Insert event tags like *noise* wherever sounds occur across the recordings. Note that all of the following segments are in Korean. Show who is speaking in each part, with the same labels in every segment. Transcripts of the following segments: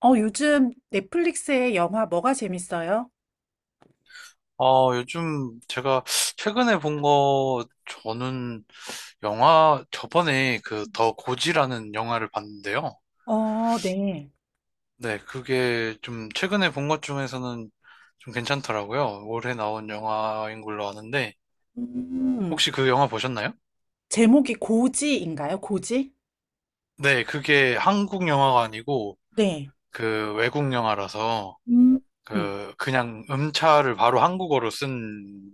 Speaker 1: 요즘 넷플릭스의 영화 뭐가 재밌어요?
Speaker 2: 요즘 제가 최근에 본 거, 저는 영화, 저번에 그 더 고지라는 영화를 봤는데요.
Speaker 1: 어, 네.
Speaker 2: 네, 그게 좀 최근에 본 것 중에서는 좀 괜찮더라고요. 올해 나온 영화인 걸로 아는데,
Speaker 1: 음,
Speaker 2: 혹시 그 영화 보셨나요?
Speaker 1: 제목이 고지인가요? 고지?
Speaker 2: 네, 그게 한국 영화가 아니고
Speaker 1: 네.
Speaker 2: 그 외국 영화라서
Speaker 1: 음, 음,
Speaker 2: 그 그냥 음차를 바로 한국어로 쓴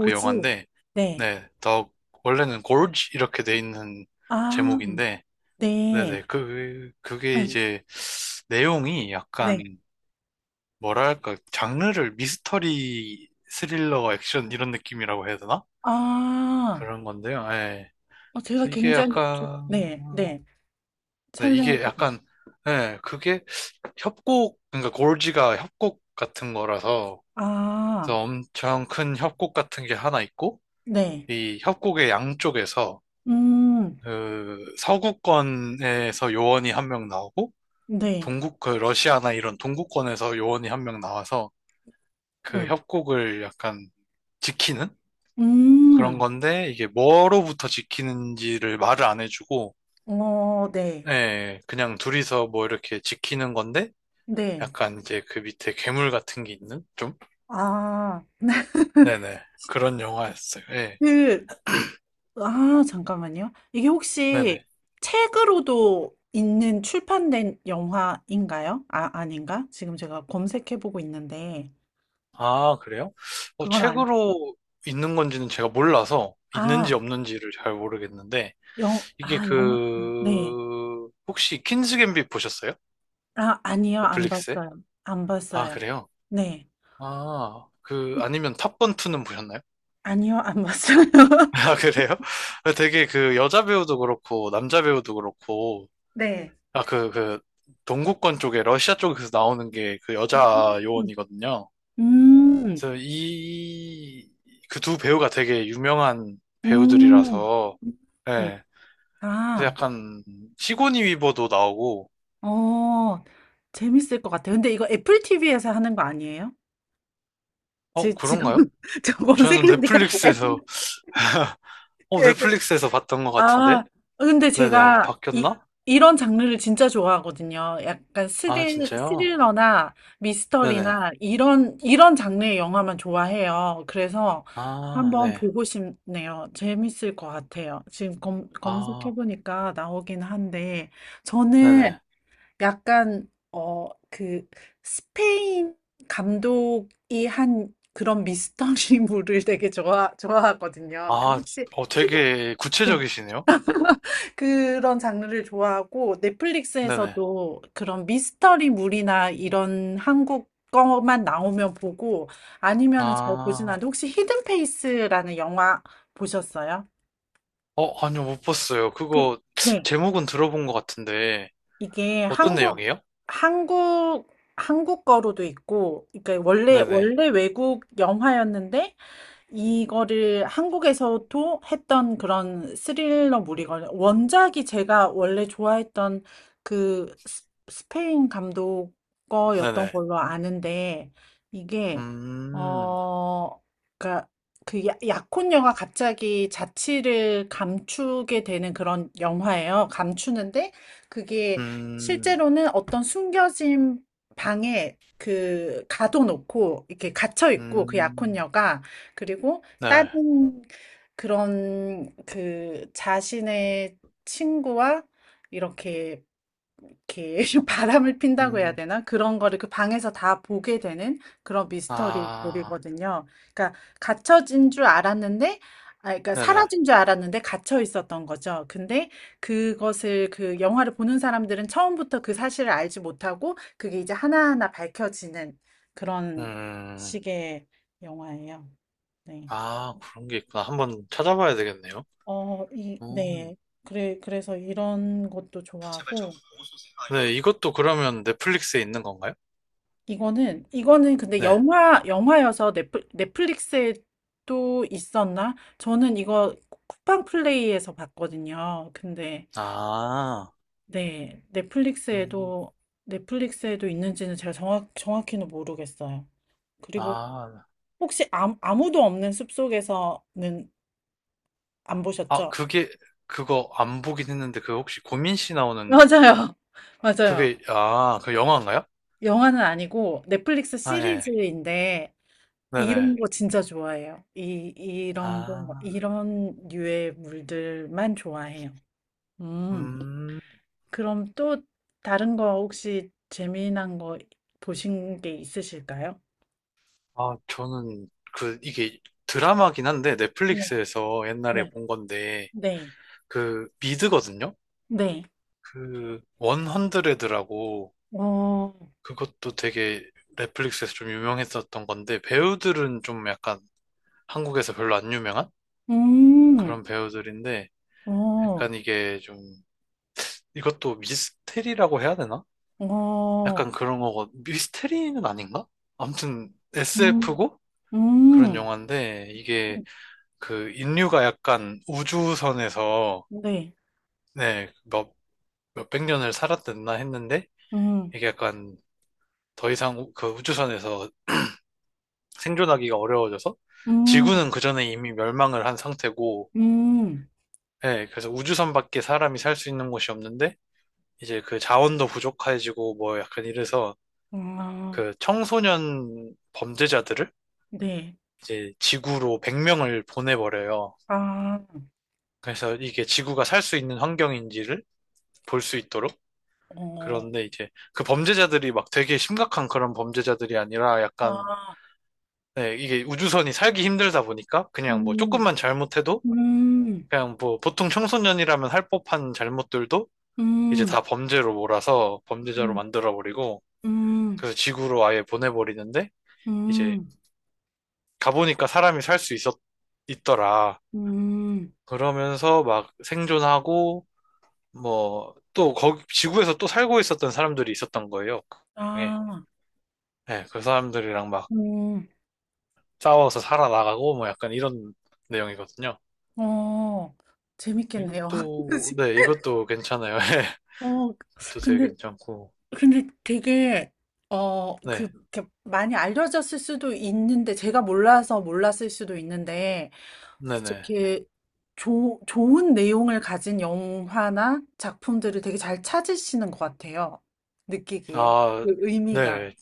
Speaker 2: 그 영화인데,
Speaker 1: 네.
Speaker 2: 네, 더 원래는 골지 이렇게 돼 있는
Speaker 1: 아,
Speaker 2: 제목인데,
Speaker 1: 네.
Speaker 2: 네네. 그게
Speaker 1: 응,
Speaker 2: 이제 내용이
Speaker 1: 네.
Speaker 2: 약간 뭐랄까, 장르를 미스터리, 스릴러, 액션 이런 느낌이라고 해야 되나?
Speaker 1: 아,
Speaker 2: 그런 건데요. 예.
Speaker 1: 제가
Speaker 2: 이게
Speaker 1: 굉장히, 네,
Speaker 2: 약간,
Speaker 1: 네.
Speaker 2: 네,
Speaker 1: 설명해
Speaker 2: 이게
Speaker 1: 주세요.
Speaker 2: 약간, 예, 그게 협곡, 그러니까 골지가 협곡 같은 거라서,
Speaker 1: 아,
Speaker 2: 그래서 엄청 큰 협곡 같은 게 하나 있고,
Speaker 1: 네.
Speaker 2: 이 협곡의 양쪽에서,
Speaker 1: 음,
Speaker 2: 그, 서구권에서 요원이 한 명 나오고,
Speaker 1: 네.
Speaker 2: 그 러시아나 이런 동구권에서 요원이 한 명 나와서 그
Speaker 1: 음,
Speaker 2: 협곡을 약간 지키는
Speaker 1: 음,
Speaker 2: 그런 건데 이게 뭐로부터 지키는지를 말을 안 해주고
Speaker 1: 어, 네.
Speaker 2: 예, 그냥 둘이서 뭐 이렇게 지키는 건데
Speaker 1: 네.
Speaker 2: 약간 이제 그 밑에 괴물 같은 게 있는 좀
Speaker 1: 아,
Speaker 2: 네네 그런 영화였어요. 예,
Speaker 1: 그, 아, 잠깐만요. 이게
Speaker 2: 네네.
Speaker 1: 혹시 책으로도 있는 출판된 영화인가요? 아, 아닌가? 지금 제가 검색해보고 있는데,
Speaker 2: 아, 그래요?
Speaker 1: 그건 아니,
Speaker 2: 책으로 있는 건지는 제가 몰라서 있는지
Speaker 1: 아,
Speaker 2: 없는지를 잘 모르겠는데 이게
Speaker 1: 아, 영화, 네.
Speaker 2: 그 혹시 퀸즈 갬빗 보셨어요?
Speaker 1: 아, 아니요, 안
Speaker 2: 넷플릭스에?
Speaker 1: 봤어요. 안
Speaker 2: 아,
Speaker 1: 봤어요.
Speaker 2: 그래요?
Speaker 1: 네.
Speaker 2: 아, 그, 아니면 탑건투는 보셨나요?
Speaker 1: 아니요, 안 봤어요.
Speaker 2: *laughs* 아,
Speaker 1: *laughs*
Speaker 2: 그래요? *laughs* 되게 그 여자 배우도 그렇고, 남자 배우도 그렇고,
Speaker 1: 네.
Speaker 2: 아, 동구권 쪽에, 러시아 쪽에서 나오는 게 그 여자
Speaker 1: 음,
Speaker 2: 요원이거든요.
Speaker 1: 음,
Speaker 2: 그래서 이, 그 두 배우가 되게 유명한
Speaker 1: 음.
Speaker 2: 배우들이라서,
Speaker 1: 음.
Speaker 2: 예. 그래서
Speaker 1: 아,
Speaker 2: 약간, 시고니 위버도 나오고,
Speaker 1: 어, 재밌을 것 같아요. 근데 이거 애플 TV에서 하는 거 아니에요? 제 지금
Speaker 2: 그런가요?
Speaker 1: *laughs* 저
Speaker 2: 저는
Speaker 1: 검색해보니까 F-
Speaker 2: 넷플릭스에서, *laughs*
Speaker 1: 그- 그- 그,
Speaker 2: 넷플릭스에서 봤던 것
Speaker 1: 아
Speaker 2: 같은데?
Speaker 1: 근데
Speaker 2: 네네,
Speaker 1: 제가 이
Speaker 2: 바뀌었나?
Speaker 1: 이런 장르를 진짜 좋아하거든요. 약간
Speaker 2: 아, 진짜요?
Speaker 1: 스릴러나
Speaker 2: 네네.
Speaker 1: 미스터리나 이런 장르의 영화만 좋아해요. 그래서
Speaker 2: 아,
Speaker 1: 한번
Speaker 2: 네.
Speaker 1: 보고 싶네요. 재밌을 것 같아요. 지금
Speaker 2: 아,
Speaker 1: 검색해보니까 나오긴 한데 저는
Speaker 2: 네네.
Speaker 1: 약간 스페인 감독이 한 그런 미스터리물을 *laughs* 되게 좋아하거든요. 그
Speaker 2: 아,
Speaker 1: 혹시 시대-
Speaker 2: 되게
Speaker 1: 네.
Speaker 2: 구체적이시네요?
Speaker 1: 그런 장르를 좋아하고
Speaker 2: 네네.
Speaker 1: 넷플릭스에서도 그런 미스터리물이나 이런 한국 거만 나오면 보고, 아니면은 잘 보진
Speaker 2: 아,
Speaker 1: 않는데, 혹시 히든 페이스라는 영화 보셨어요?
Speaker 2: 아니요, 못 봤어요.
Speaker 1: 그,
Speaker 2: 그거, 제목은 들어본 것 같은데,
Speaker 1: 이게
Speaker 2: 어떤 내용이에요?
Speaker 1: 한국, 한국 거로도 있고, 그러니까
Speaker 2: 네네.
Speaker 1: 원래 외국 영화였는데, 이거를 한국에서도 했던 그런 스릴러물이거든요. 원작이 제가 원래 좋아했던 그 스- 스페인 감독 거였던
Speaker 2: 네네.
Speaker 1: 걸로 아는데, 이게,
Speaker 2: 음,
Speaker 1: 어, 그니까 그 약혼녀가 갑자기 자취를 감추게 되는 그런 영화예요. 감추는데, 그게
Speaker 2: 음,
Speaker 1: 실제로는 어떤 숨겨진 방에 그 가둬놓고 이렇게 갇혀 있고 그
Speaker 2: 음,
Speaker 1: 약혼녀가 그리고
Speaker 2: 네.
Speaker 1: 다른 그런 그 자신의 친구와 이렇게 이렇게 *laughs* 바람을 핀다고 해야
Speaker 2: 음,
Speaker 1: 되나? 그런 거를 그 방에서 다 보게 되는 그런
Speaker 2: 아,
Speaker 1: 미스터리물이거든요. 그러니까 갇혀진 줄 알았는데, 아, 그러니까
Speaker 2: 네네.
Speaker 1: 사라진 줄 알았는데 갇혀 있었던 거죠. 근데 그것을 그 영화를 보는 사람들은 처음부터 그 사실을 알지 못하고 그게 이제 하나하나 밝혀지는 그런
Speaker 2: 음,
Speaker 1: 식의 영화예요. 네.
Speaker 2: 아, 그런 게 있구나. 한번 찾아봐야 되겠네요.
Speaker 1: 어, 이, 네.
Speaker 2: 음.
Speaker 1: 그래, 그래서 이런 것도 좋아하고,
Speaker 2: 네, 이것도 그러면 넷플릭스에 있는 건가요?
Speaker 1: 이거는 근데
Speaker 2: 네.
Speaker 1: 영화여서 넷플릭스에 또 있었나? 저는 이거 쿠팡 플레이에서 봤거든요. 근데,
Speaker 2: 아,
Speaker 1: 네.
Speaker 2: 음,
Speaker 1: 넷플릭스에도 있는지는 제가 정확히는 모르겠어요. 그리고
Speaker 2: 아,
Speaker 1: 혹시 아무도 없는 숲속에서는 안
Speaker 2: 아,
Speaker 1: 보셨죠?
Speaker 2: 그게, 그거 안 보긴 했는데, 그 혹시 고민 씨 나오는,
Speaker 1: 맞아요. *laughs* 맞아요.
Speaker 2: 그게, 아, 그 영화인가요?
Speaker 1: 영화는 아니고 넷플릭스
Speaker 2: 아, 예.
Speaker 1: 시리즈인데, 이런
Speaker 2: 네네.
Speaker 1: 거 진짜 좋아해요. 이런 거,
Speaker 2: 아,
Speaker 1: 이런 류의 물들만 좋아해요. 음.
Speaker 2: 음,
Speaker 1: 그럼 또 다른 거 혹시 재미난 거 보신 게 있으실까요?
Speaker 2: 아, 저는, 그, 이게 드라마긴 한데,
Speaker 1: 네.
Speaker 2: 넷플릭스에서 옛날에
Speaker 1: 네.
Speaker 2: 본 건데,
Speaker 1: 네.
Speaker 2: 그, 미드거든요?
Speaker 1: 네.
Speaker 2: 그, 원헌드레드라고,
Speaker 1: 어,
Speaker 2: 그것도 되게 넷플릭스에서 좀 유명했었던 건데, 배우들은 좀 약간 한국에서 별로 안 유명한?
Speaker 1: 음,
Speaker 2: 그런 배우들인데,
Speaker 1: 어,
Speaker 2: 약간 이게 좀 이것도 미스테리라고 해야 되나?
Speaker 1: 어,
Speaker 2: 약간 그런 거고 미스테리는 아닌가? 아무튼
Speaker 1: 음,
Speaker 2: SF고 그런
Speaker 1: 음,
Speaker 2: 영화인데 이게 그 인류가 약간 우주선에서
Speaker 1: 네.
Speaker 2: 네, 몇백 년을 살았댔나 했는데
Speaker 1: 음,
Speaker 2: 이게 약간 더 이상 그 우주선에서 생존하기가 어려워져서
Speaker 1: 음,
Speaker 2: 지구는 그전에 이미 멸망을 한 상태고
Speaker 1: 음,
Speaker 2: 네, 그래서 우주선밖에 사람이 살 수 있는 곳이 없는데 이제 그 자원도 부족해지고 뭐 약간 이래서
Speaker 1: 아,
Speaker 2: 그 청소년 범죄자들을
Speaker 1: 네.
Speaker 2: 이제 지구로 100명을 보내버려요.
Speaker 1: 아,
Speaker 2: 그래서 이게 지구가 살 수 있는 환경인지를 볼 수 있도록.
Speaker 1: 어,
Speaker 2: 그런데 이제 그 범죄자들이 막 되게 심각한 그런 범죄자들이 아니라 약간
Speaker 1: 아,
Speaker 2: 네, 이게 우주선이 살기 힘들다 보니까 그냥 뭐
Speaker 1: 음.
Speaker 2: 조금만 잘못해도
Speaker 1: 음,
Speaker 2: 그냥 뭐 보통 청소년이라면 할 법한 잘못들도 이제
Speaker 1: 음,
Speaker 2: 다 범죄로 몰아서 범죄자로
Speaker 1: 음,
Speaker 2: 만들어버리고
Speaker 1: 음,
Speaker 2: 그래서 지구로 아예 보내버리는데 이제
Speaker 1: 음,
Speaker 2: 가보니까 사람이 살 수 있었, 있더라.
Speaker 1: 음,
Speaker 2: 그러면서 막 생존하고 뭐 또 거기 지구에서 또 살고 있었던 사람들이 있었던 거예요. 그
Speaker 1: 아,
Speaker 2: 중에. 네, 그 사람들이랑 막
Speaker 1: 음.
Speaker 2: 싸워서 살아나가고 뭐 약간 이런 내용이거든요.
Speaker 1: 어, 재밌겠네요. *laughs*
Speaker 2: 이것도
Speaker 1: 그치?
Speaker 2: 네, 이것도 괜찮아요. *laughs* 예.
Speaker 1: 어,
Speaker 2: 이것도 되게
Speaker 1: 근데,
Speaker 2: 괜찮고.
Speaker 1: 되게,
Speaker 2: 네.
Speaker 1: 이렇게 많이 알려졌을 수도 있는데, 제가 몰라서 몰랐을 수도 있는데,
Speaker 2: 네네.
Speaker 1: 이렇게 좋은 내용을 가진 영화나 작품들을 되게 잘 찾으시는 것 같아요. 느끼기에.
Speaker 2: 아,
Speaker 1: 그 의미가.
Speaker 2: 네.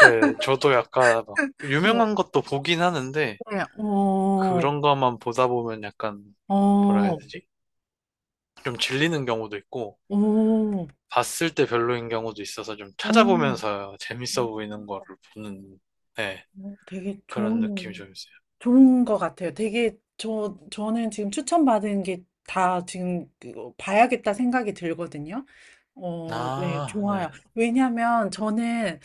Speaker 2: 네, 저도 약간 막
Speaker 1: 뭐,
Speaker 2: 유명한 것도 보긴 하는데
Speaker 1: 네, 어,
Speaker 2: 그런 것만 보다 보면 약간
Speaker 1: 어,
Speaker 2: 뭐라 해야
Speaker 1: 오,
Speaker 2: 되지? 좀 질리는 경우도 있고
Speaker 1: 오,
Speaker 2: 봤을 때 별로인 경우도 있어서 좀
Speaker 1: 어,
Speaker 2: 찾아보면서 재밌어
Speaker 1: 어,
Speaker 2: 보이는 거를 보는, 네,
Speaker 1: 되게
Speaker 2: 그런 느낌이 좀 있어요.
Speaker 1: 좋은 것 같아요. 되게 저는 지금 추천받은 게 다 지금 그 봐야겠다 생각이 들거든요. 어, 네,
Speaker 2: 아, 네,
Speaker 1: 좋아요. 왜냐면 하 저는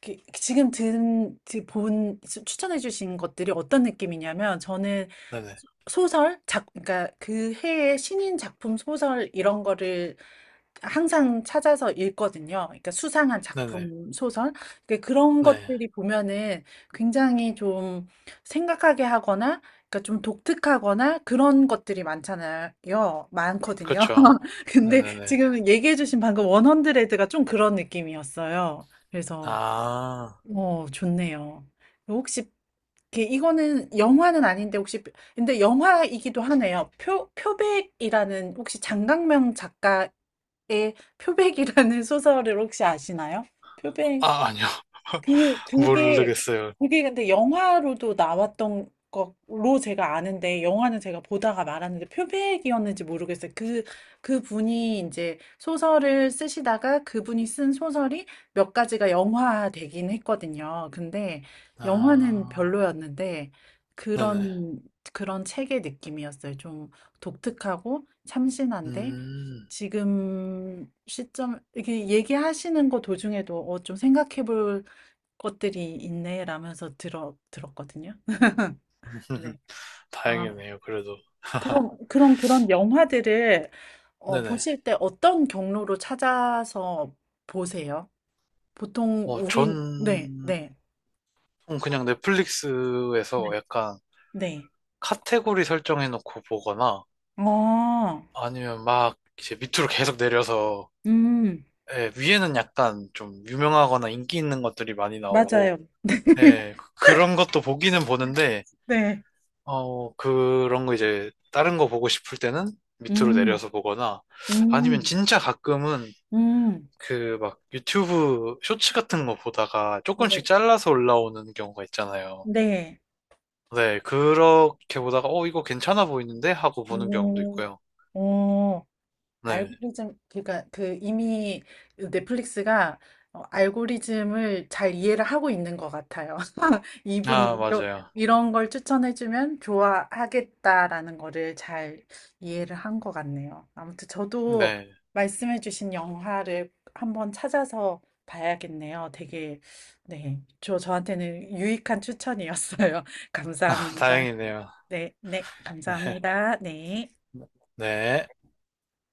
Speaker 1: 그- 지금 든, 지- 본, 추- 추천해주신 것들이 어떤 느낌이냐면 저는
Speaker 2: 네네,
Speaker 1: 소설, 작, 그러니까 그 해의 신인 작품 소설 이런 거를 항상 찾아서 읽거든요. 그러니까 수상한
Speaker 2: 네네,
Speaker 1: 작품, 소설. 그러니까 그런
Speaker 2: 네.
Speaker 1: 것들이 보면은 굉장히 좀 생각하게 하거나, 그러니까 좀 독특하거나 그런 것들이 많잖아요. 많거든요.
Speaker 2: 그쵸.
Speaker 1: *laughs* 근데
Speaker 2: 네네네.
Speaker 1: 지금 얘기해 주신 방금 원헌드레드가 좀 그런 느낌이었어요. 그래서
Speaker 2: 아,
Speaker 1: 어, 좋네요. 혹시 이게- 이거는 영화는 아닌데 혹시 근데 영화이기도 하네요. 표 표백이라는, 혹시 장강명 작가의 표백이라는 *laughs* 소설을 혹시 아시나요? 표백.
Speaker 2: 아, 아니요. *laughs*
Speaker 1: 그,
Speaker 2: 모르겠어요.
Speaker 1: 그게 근데 영화로도 나왔던 것로 제가 아는데, 영화는 제가 보다가 말았는데, 표백이었는지 모르겠어요. 그, 그 분이 이제 소설을 쓰시다가 그분이 쓴 소설이 몇 가지가 영화 되긴 했거든요. 근데 영화는
Speaker 2: 아,
Speaker 1: 별로였는데,
Speaker 2: 네네.
Speaker 1: 그런, 그런 책의 느낌이었어요. 좀 독특하고 참신한데,
Speaker 2: 음,
Speaker 1: 지금 시점, 이렇게 얘기하시는 거 도중에도 어, 좀 생각해 볼 것들이 있네라면서 들어 들었거든요. *laughs*
Speaker 2: *laughs*
Speaker 1: 네. 아,
Speaker 2: 다행이네요, 그래도. *laughs*
Speaker 1: 그럼 그런 영화들을 어
Speaker 2: 네네.
Speaker 1: 보실 때 어떤 경로로 찾아서 보세요? 보통
Speaker 2: 전,
Speaker 1: 우리 네, 네.
Speaker 2: 그냥
Speaker 1: 네.
Speaker 2: 넷플릭스에서 약간
Speaker 1: 네.
Speaker 2: 카테고리 설정해놓고 보거나,
Speaker 1: 아.
Speaker 2: 아니면 막 이제 밑으로 계속 내려서
Speaker 1: 음.
Speaker 2: 예, 위에는 약간 좀 유명하거나 인기 있는 것들이 많이
Speaker 1: 맞아요.
Speaker 2: 나오고 예, 그런 것도 보기는 보는데
Speaker 1: 네.
Speaker 2: 그런 거 이제 다른 거 보고 싶을 때는 밑으로
Speaker 1: 음.
Speaker 2: 내려서 보거나 아니면
Speaker 1: 음.
Speaker 2: 진짜 가끔은
Speaker 1: 음.
Speaker 2: 그 막 유튜브 쇼츠 같은 거 보다가
Speaker 1: 네.
Speaker 2: 조금씩 잘라서 올라오는 경우가 있잖아요.
Speaker 1: 네.
Speaker 2: 네, 그렇게 보다가 이거 괜찮아 보이는데 하고 보는 경우도
Speaker 1: 음.
Speaker 2: 있고요.
Speaker 1: 어.
Speaker 2: 네.
Speaker 1: 알고리즘, 그러니까 그 이미 넷플릭스가 어, 알고리즘을 잘 이해를 하고 있는 것 같아요. *laughs* 이분이
Speaker 2: 아, 맞아요.
Speaker 1: 이런 걸 추천해주면 좋아하겠다라는 거를 잘 이해를 한 것 같네요. 아무튼 저도
Speaker 2: 네.
Speaker 1: 말씀해주신 영화를 한번 찾아서 봐야겠네요. 되게, 네. 저한테는 유익한 추천이었어요. *laughs*
Speaker 2: *laughs*
Speaker 1: 감사합니다.
Speaker 2: 다행이네요.
Speaker 1: 네, 네.
Speaker 2: 네.
Speaker 1: 감사합니다. 네.
Speaker 2: 네.